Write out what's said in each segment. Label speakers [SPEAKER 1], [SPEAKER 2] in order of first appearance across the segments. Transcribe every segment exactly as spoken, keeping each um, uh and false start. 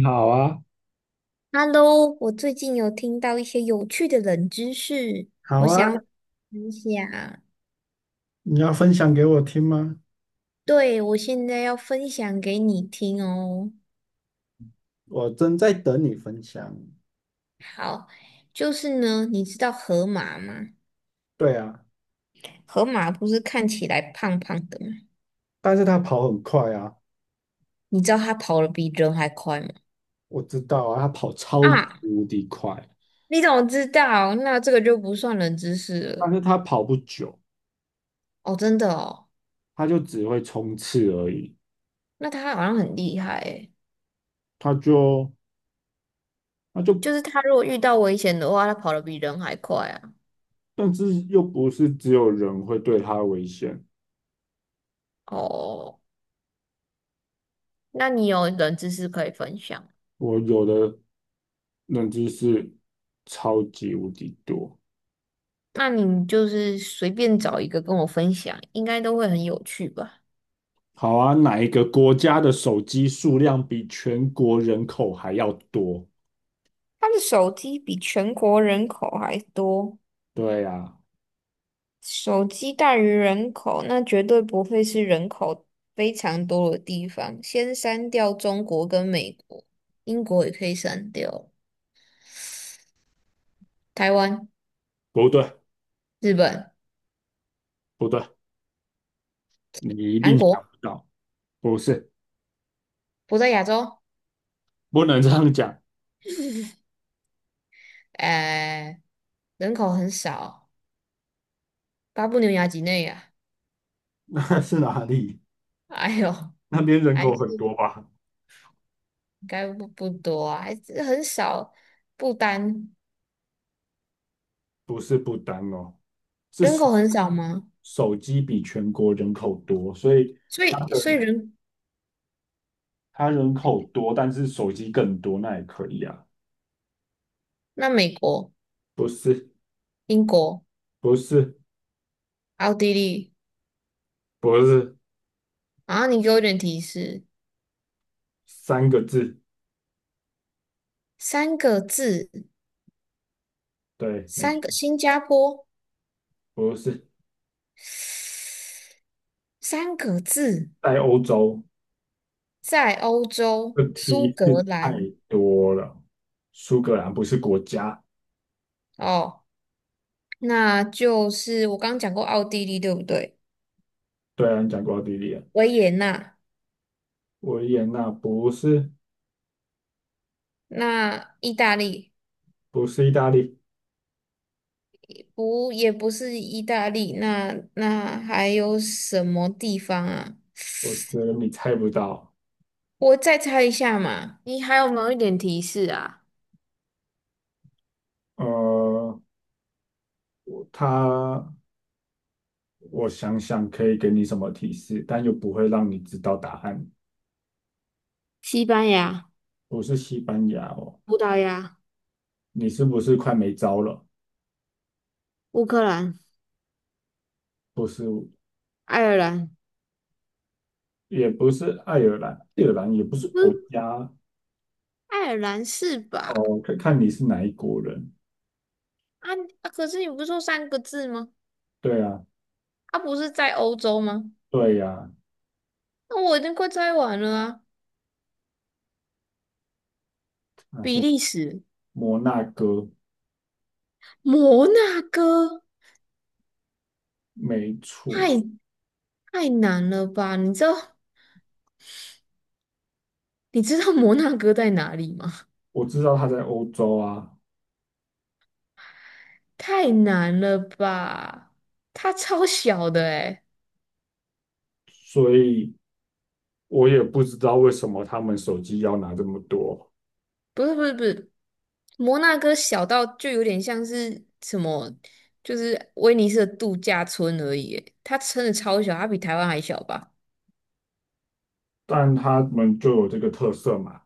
[SPEAKER 1] 你好啊，
[SPEAKER 2] Hello，我最近有听到一些有趣的冷知识，
[SPEAKER 1] 好
[SPEAKER 2] 我
[SPEAKER 1] 啊，
[SPEAKER 2] 想分享。
[SPEAKER 1] 你要分享给我听吗？
[SPEAKER 2] 对，我现在要分享给你听哦。
[SPEAKER 1] 我正在等你分享。
[SPEAKER 2] 好，就是呢，你知道河马吗？
[SPEAKER 1] 对啊，
[SPEAKER 2] 河马不是看起来胖胖的吗？
[SPEAKER 1] 但是他跑很快啊，
[SPEAKER 2] 你知道它跑得比人还快吗？
[SPEAKER 1] 我知道啊，他跑超级
[SPEAKER 2] 啊，
[SPEAKER 1] 无敌快，
[SPEAKER 2] 你怎么知道？那这个就不算冷知识了。
[SPEAKER 1] 但是他跑不久，
[SPEAKER 2] 哦，真的哦，
[SPEAKER 1] 他就只会冲刺而已。
[SPEAKER 2] 那它好像很厉害诶，
[SPEAKER 1] 他就他就，
[SPEAKER 2] 就是它如果遇到危险的话，它跑得比人还快啊。
[SPEAKER 1] 但是又不是只有人会对他危险。
[SPEAKER 2] 哦。那你有冷知识可以分享？
[SPEAKER 1] 我有的认知是超级无敌多。
[SPEAKER 2] 那你就是随便找一个跟我分享，应该都会很有趣吧？
[SPEAKER 1] 好啊，哪一个国家的手机数量比全国人口还要多？
[SPEAKER 2] 他的手机比全国人口还多，
[SPEAKER 1] 对呀、
[SPEAKER 2] 手机大于人口，那绝对不会是人口非常多的地方。先删掉中国跟美国，英国也可以删掉，台湾、
[SPEAKER 1] 不对，
[SPEAKER 2] 日本、
[SPEAKER 1] 不对，你一
[SPEAKER 2] 韩
[SPEAKER 1] 定想
[SPEAKER 2] 国
[SPEAKER 1] 不到，不是，
[SPEAKER 2] 不在亚洲，
[SPEAKER 1] 不能这样讲。
[SPEAKER 2] 呃，人口很少，巴布纽亚几内亚，
[SPEAKER 1] 那是哪里？
[SPEAKER 2] 哎呦，
[SPEAKER 1] 那边人
[SPEAKER 2] 还
[SPEAKER 1] 口
[SPEAKER 2] 是
[SPEAKER 1] 很多吧？
[SPEAKER 2] 应该不不多啊，还是很少。不丹
[SPEAKER 1] 不是不丹哦，是
[SPEAKER 2] 人
[SPEAKER 1] 手
[SPEAKER 2] 口很少吗？
[SPEAKER 1] 手机比全国人口多，所以
[SPEAKER 2] 所
[SPEAKER 1] 它
[SPEAKER 2] 以
[SPEAKER 1] 的
[SPEAKER 2] 所以人
[SPEAKER 1] 它人口多，但是手机更多，那也可以啊。
[SPEAKER 2] 那美国、
[SPEAKER 1] 不是，
[SPEAKER 2] 英国、
[SPEAKER 1] 不是，
[SPEAKER 2] 奥地利，
[SPEAKER 1] 不是，
[SPEAKER 2] 然后你给我一点提示，
[SPEAKER 1] 三个字，
[SPEAKER 2] 三个字，
[SPEAKER 1] 对，没
[SPEAKER 2] 三
[SPEAKER 1] 错，
[SPEAKER 2] 个新加坡，
[SPEAKER 1] 不是，
[SPEAKER 2] 三个字，
[SPEAKER 1] 在欧洲，
[SPEAKER 2] 在欧洲
[SPEAKER 1] 这
[SPEAKER 2] 苏
[SPEAKER 1] 提示
[SPEAKER 2] 格
[SPEAKER 1] 太
[SPEAKER 2] 兰
[SPEAKER 1] 多了。苏格兰不是国家，
[SPEAKER 2] 哦，那就是我刚刚讲过奥地利对不对？
[SPEAKER 1] 对啊，你讲过奥地利啊。
[SPEAKER 2] 维也纳，
[SPEAKER 1] 维也纳不是。
[SPEAKER 2] 那意大利。
[SPEAKER 1] 不是意大利，
[SPEAKER 2] 不，也不是意大利，那那还有什么地方啊？
[SPEAKER 1] 我觉得你猜不到。
[SPEAKER 2] 我再猜一下嘛。你还有没有一点提示啊？
[SPEAKER 1] 呃，他，我想想可以给你什么提示，但又不会让你知道答案。
[SPEAKER 2] 西班牙、
[SPEAKER 1] 不是西班牙哦，
[SPEAKER 2] 葡萄牙、
[SPEAKER 1] 你是不是快没招了？
[SPEAKER 2] 乌克兰、
[SPEAKER 1] 不是，
[SPEAKER 2] 爱尔兰，
[SPEAKER 1] 也不是爱尔兰，爱尔兰也不是
[SPEAKER 2] 嗯，
[SPEAKER 1] 国家
[SPEAKER 2] 爱尔兰是吧？
[SPEAKER 1] 哦，看看你是哪一国人。
[SPEAKER 2] 啊啊可是你不是说三个字吗？
[SPEAKER 1] 对啊，
[SPEAKER 2] 啊，不是在欧洲吗？
[SPEAKER 1] 对呀，
[SPEAKER 2] 那我已经快猜完了啊。
[SPEAKER 1] 那
[SPEAKER 2] 比
[SPEAKER 1] 是
[SPEAKER 2] 利时、
[SPEAKER 1] 摩纳哥，
[SPEAKER 2] 摩纳哥，
[SPEAKER 1] 没错。
[SPEAKER 2] 太太难了吧？你知道你知道摩纳哥在哪里吗？
[SPEAKER 1] 我知道他在欧洲啊，
[SPEAKER 2] 太难了吧？它超小的诶，
[SPEAKER 1] 所以我也不知道为什么他们手机要拿这么多，
[SPEAKER 2] 不是不是不是，摩纳哥小到就有点像是什么，就是威尼斯的度假村而已诶，它真的超小，它比台湾还小吧？
[SPEAKER 1] 但他们就有这个特色嘛。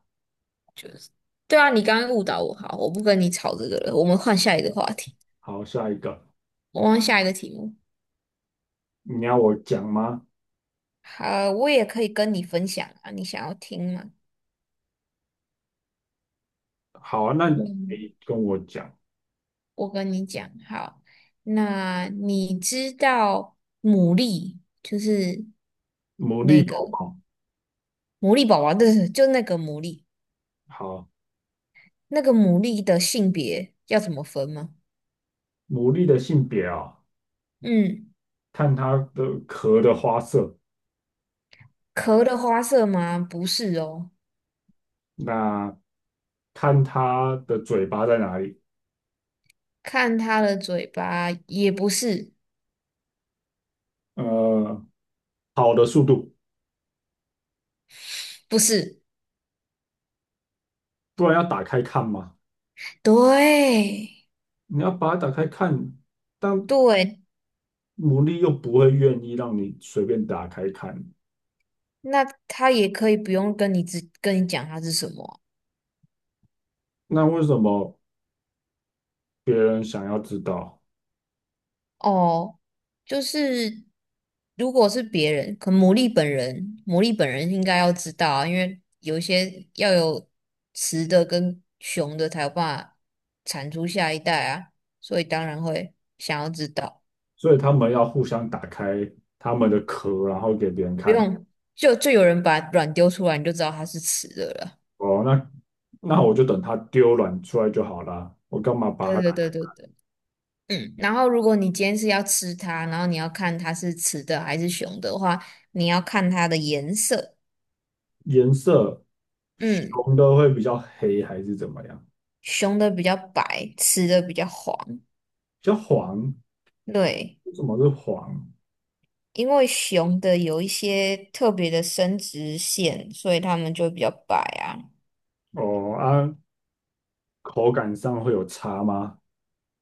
[SPEAKER 2] 对啊，你刚刚误导我，好，我不跟你吵这个了，我们换下一个话题，
[SPEAKER 1] 好，下一个，
[SPEAKER 2] 我们换下一个题目。
[SPEAKER 1] 你要我讲吗？
[SPEAKER 2] 好，我也可以跟你分享啊，你想要听吗？
[SPEAKER 1] 好啊，那你
[SPEAKER 2] 嗯
[SPEAKER 1] 跟我讲，
[SPEAKER 2] 我跟你讲，好，那你知道牡蛎就是
[SPEAKER 1] 牡
[SPEAKER 2] 那
[SPEAKER 1] 蛎宝
[SPEAKER 2] 个
[SPEAKER 1] 宝。
[SPEAKER 2] 牡蛎宝宝，对，就那个牡蛎，
[SPEAKER 1] 好，
[SPEAKER 2] 那个牡蛎的性别要怎么分吗？
[SPEAKER 1] 牡蛎的性别啊、
[SPEAKER 2] 嗯，
[SPEAKER 1] 看它的壳的花色，
[SPEAKER 2] 壳的花色吗？不是哦，
[SPEAKER 1] 那看它的嘴巴在哪里，
[SPEAKER 2] 看它的嘴巴也不是，
[SPEAKER 1] 呃，跑的速度，
[SPEAKER 2] 不是，
[SPEAKER 1] 不然要打开看嘛。
[SPEAKER 2] 对
[SPEAKER 1] 你要把它打开看，但
[SPEAKER 2] 对，
[SPEAKER 1] 牡蛎又不会愿意让你随便打开看。
[SPEAKER 2] 那它也可以不用跟你只跟你讲它是什么啊
[SPEAKER 1] 那为什么别人想要知道，
[SPEAKER 2] 哦，就是如果是别人，可牡蛎本人，牡蛎本人应该要知道啊，因为有一些要有雌的跟雄的才有办法产出下一代啊，所以当然会想要知道。
[SPEAKER 1] 所以他们要互相打开他们的壳，然后给别人
[SPEAKER 2] 不
[SPEAKER 1] 看。
[SPEAKER 2] 用，就就有人把卵丢出来，你就知道它是雌的了。
[SPEAKER 1] 哦，那那我就等它丢卵出来就好啦，我干嘛把它
[SPEAKER 2] 对对
[SPEAKER 1] 打开？
[SPEAKER 2] 对对对，嗯。然后如果你今天是要吃它，然后你要看它是雌的还是雄的话，你要看它的颜色。
[SPEAKER 1] 颜色，
[SPEAKER 2] 嗯，
[SPEAKER 1] 熊的会比较黑还是怎么样？
[SPEAKER 2] 雄的比较白，雌的比较黄。
[SPEAKER 1] 比较黄，
[SPEAKER 2] 对，
[SPEAKER 1] 为什么是黄？
[SPEAKER 2] 因为雄的有一些特别的生殖腺，所以它们就比较白啊。
[SPEAKER 1] 哦啊，口感上会有差吗？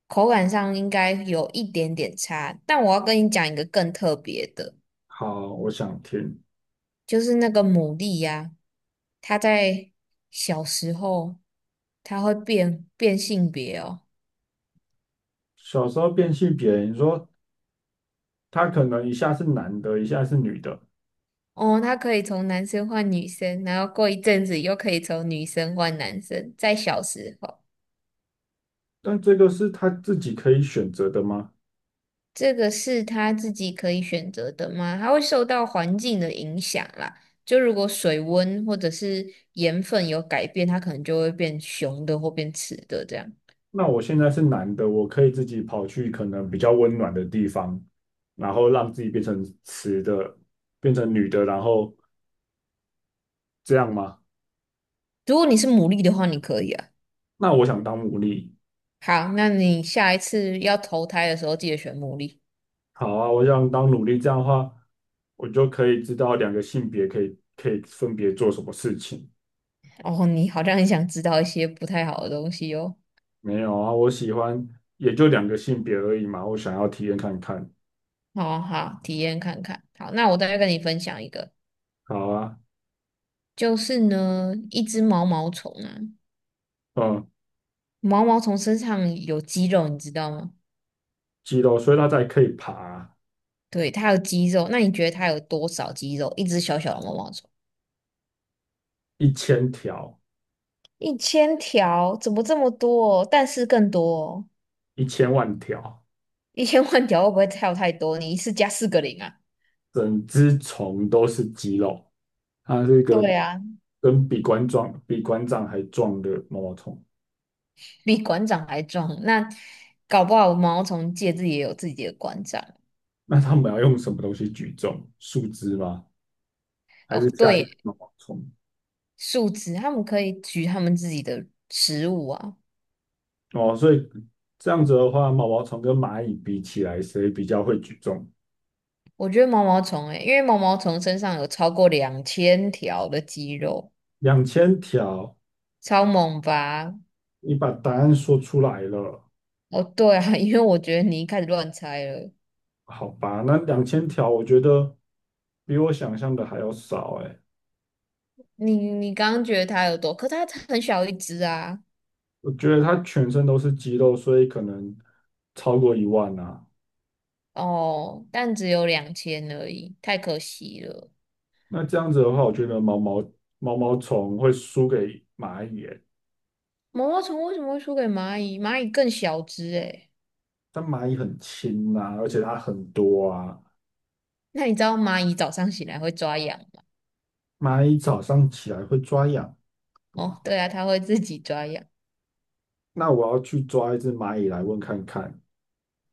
[SPEAKER 2] 口感上应该有一点点差，但我要跟你讲一个更特别的，
[SPEAKER 1] 好，我想听。
[SPEAKER 2] 就是那个牡蛎呀、它在小时候它会变变性别哦。
[SPEAKER 1] 小时候变性别你说他可能一下是男的，一下是女的，
[SPEAKER 2] 哦，它可以从男生换女生，然后过一阵子又可以从女生换男生，在小时候。
[SPEAKER 1] 但这个是他自己可以选择的吗？
[SPEAKER 2] 这个是他自己可以选择的吗？它会受到环境的影响啦。就如果水温或者是盐分有改变，它可能就会变雄的或变雌的这样。
[SPEAKER 1] 那我现在是男的，我可以自己跑去可能比较温暖的地方，然后让自己变成雌的，变成女的，然后这样吗？
[SPEAKER 2] 如果你是牡蛎的话，你可以啊。
[SPEAKER 1] 那我想当奴隶，
[SPEAKER 2] 好，那你下一次要投胎的时候，记得选牡蛎。
[SPEAKER 1] 好啊，我想当奴隶，这样的话，我就可以知道两个性别可以可以分别做什么事情。
[SPEAKER 2] 哦，你好像很想知道一些不太好的东西哦。
[SPEAKER 1] 没有啊，我喜欢也就两个性别而已嘛，我想要体验看看。
[SPEAKER 2] 好啊好，体验看看。好，那我再跟你分享一个，
[SPEAKER 1] 好啊，
[SPEAKER 2] 就是呢，一只毛毛虫啊，
[SPEAKER 1] 嗯，
[SPEAKER 2] 毛毛虫身上有肌肉，你知道吗？
[SPEAKER 1] 肌肉，所以它才可以爬
[SPEAKER 2] 对，它有肌肉，那你觉得它有多少肌肉？一只小小的毛毛虫，
[SPEAKER 1] 一千条、
[SPEAKER 2] 一千条，怎么这么多？但是更多哦，
[SPEAKER 1] 一千万条，
[SPEAKER 2] 一千万条会不会跳太多？你一次加四个零啊？
[SPEAKER 1] 整只虫都是肌肉。它是一个
[SPEAKER 2] 对啊，
[SPEAKER 1] 跟比馆壮、比馆长还壮的毛毛虫。
[SPEAKER 2] 比馆长还壮。那搞不好毛毛虫界自己也有自己的馆长
[SPEAKER 1] 那他们要用什么东西举重？树枝吗？还
[SPEAKER 2] 哦。
[SPEAKER 1] 是加一个
[SPEAKER 2] 对，
[SPEAKER 1] 毛毛虫？
[SPEAKER 2] 树枝，他们可以取他们自己的食物啊。
[SPEAKER 1] 哦，所以这样子的话，毛毛虫跟蚂蚁比起来，谁比较会举重？
[SPEAKER 2] 我觉得毛毛虫诶，因为毛毛虫身上有超过两千条的肌肉，
[SPEAKER 1] 两千条，
[SPEAKER 2] 超猛吧？
[SPEAKER 1] 你把答案说出来了，
[SPEAKER 2] 哦，对啊，因为我觉得你一开始乱猜了。
[SPEAKER 1] 好吧？那两千条，我觉得比我想象的还要少哎。
[SPEAKER 2] 你你刚刚觉得它有多，可它很小一只啊。
[SPEAKER 1] 我觉得它全身都是肌肉，所以可能超过一万啊。
[SPEAKER 2] 哦，但只有两千而已，太可惜了。
[SPEAKER 1] 那这样子的话，我觉得毛毛毛毛虫会输给蚂蚁耶，
[SPEAKER 2] 毛毛虫为什么会输给蚂蚁？蚂蚁更小只诶。
[SPEAKER 1] 但蚂蚁很轻啊，而且它很多啊。
[SPEAKER 2] 那你知道蚂蚁早上醒来会抓痒吗？
[SPEAKER 1] 蚂蚁早上起来会抓痒，
[SPEAKER 2] 哦，对啊，它会自己抓痒。
[SPEAKER 1] 那我要去抓一只蚂蚁来问看看。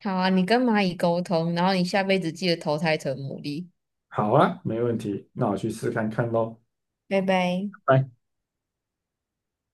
[SPEAKER 2] 好啊，你跟蚂蚁沟通，然后你下辈子记得投胎成牡蛎。
[SPEAKER 1] 好啊，没问题，那我去试看看喽。
[SPEAKER 2] 拜拜。
[SPEAKER 1] 拜。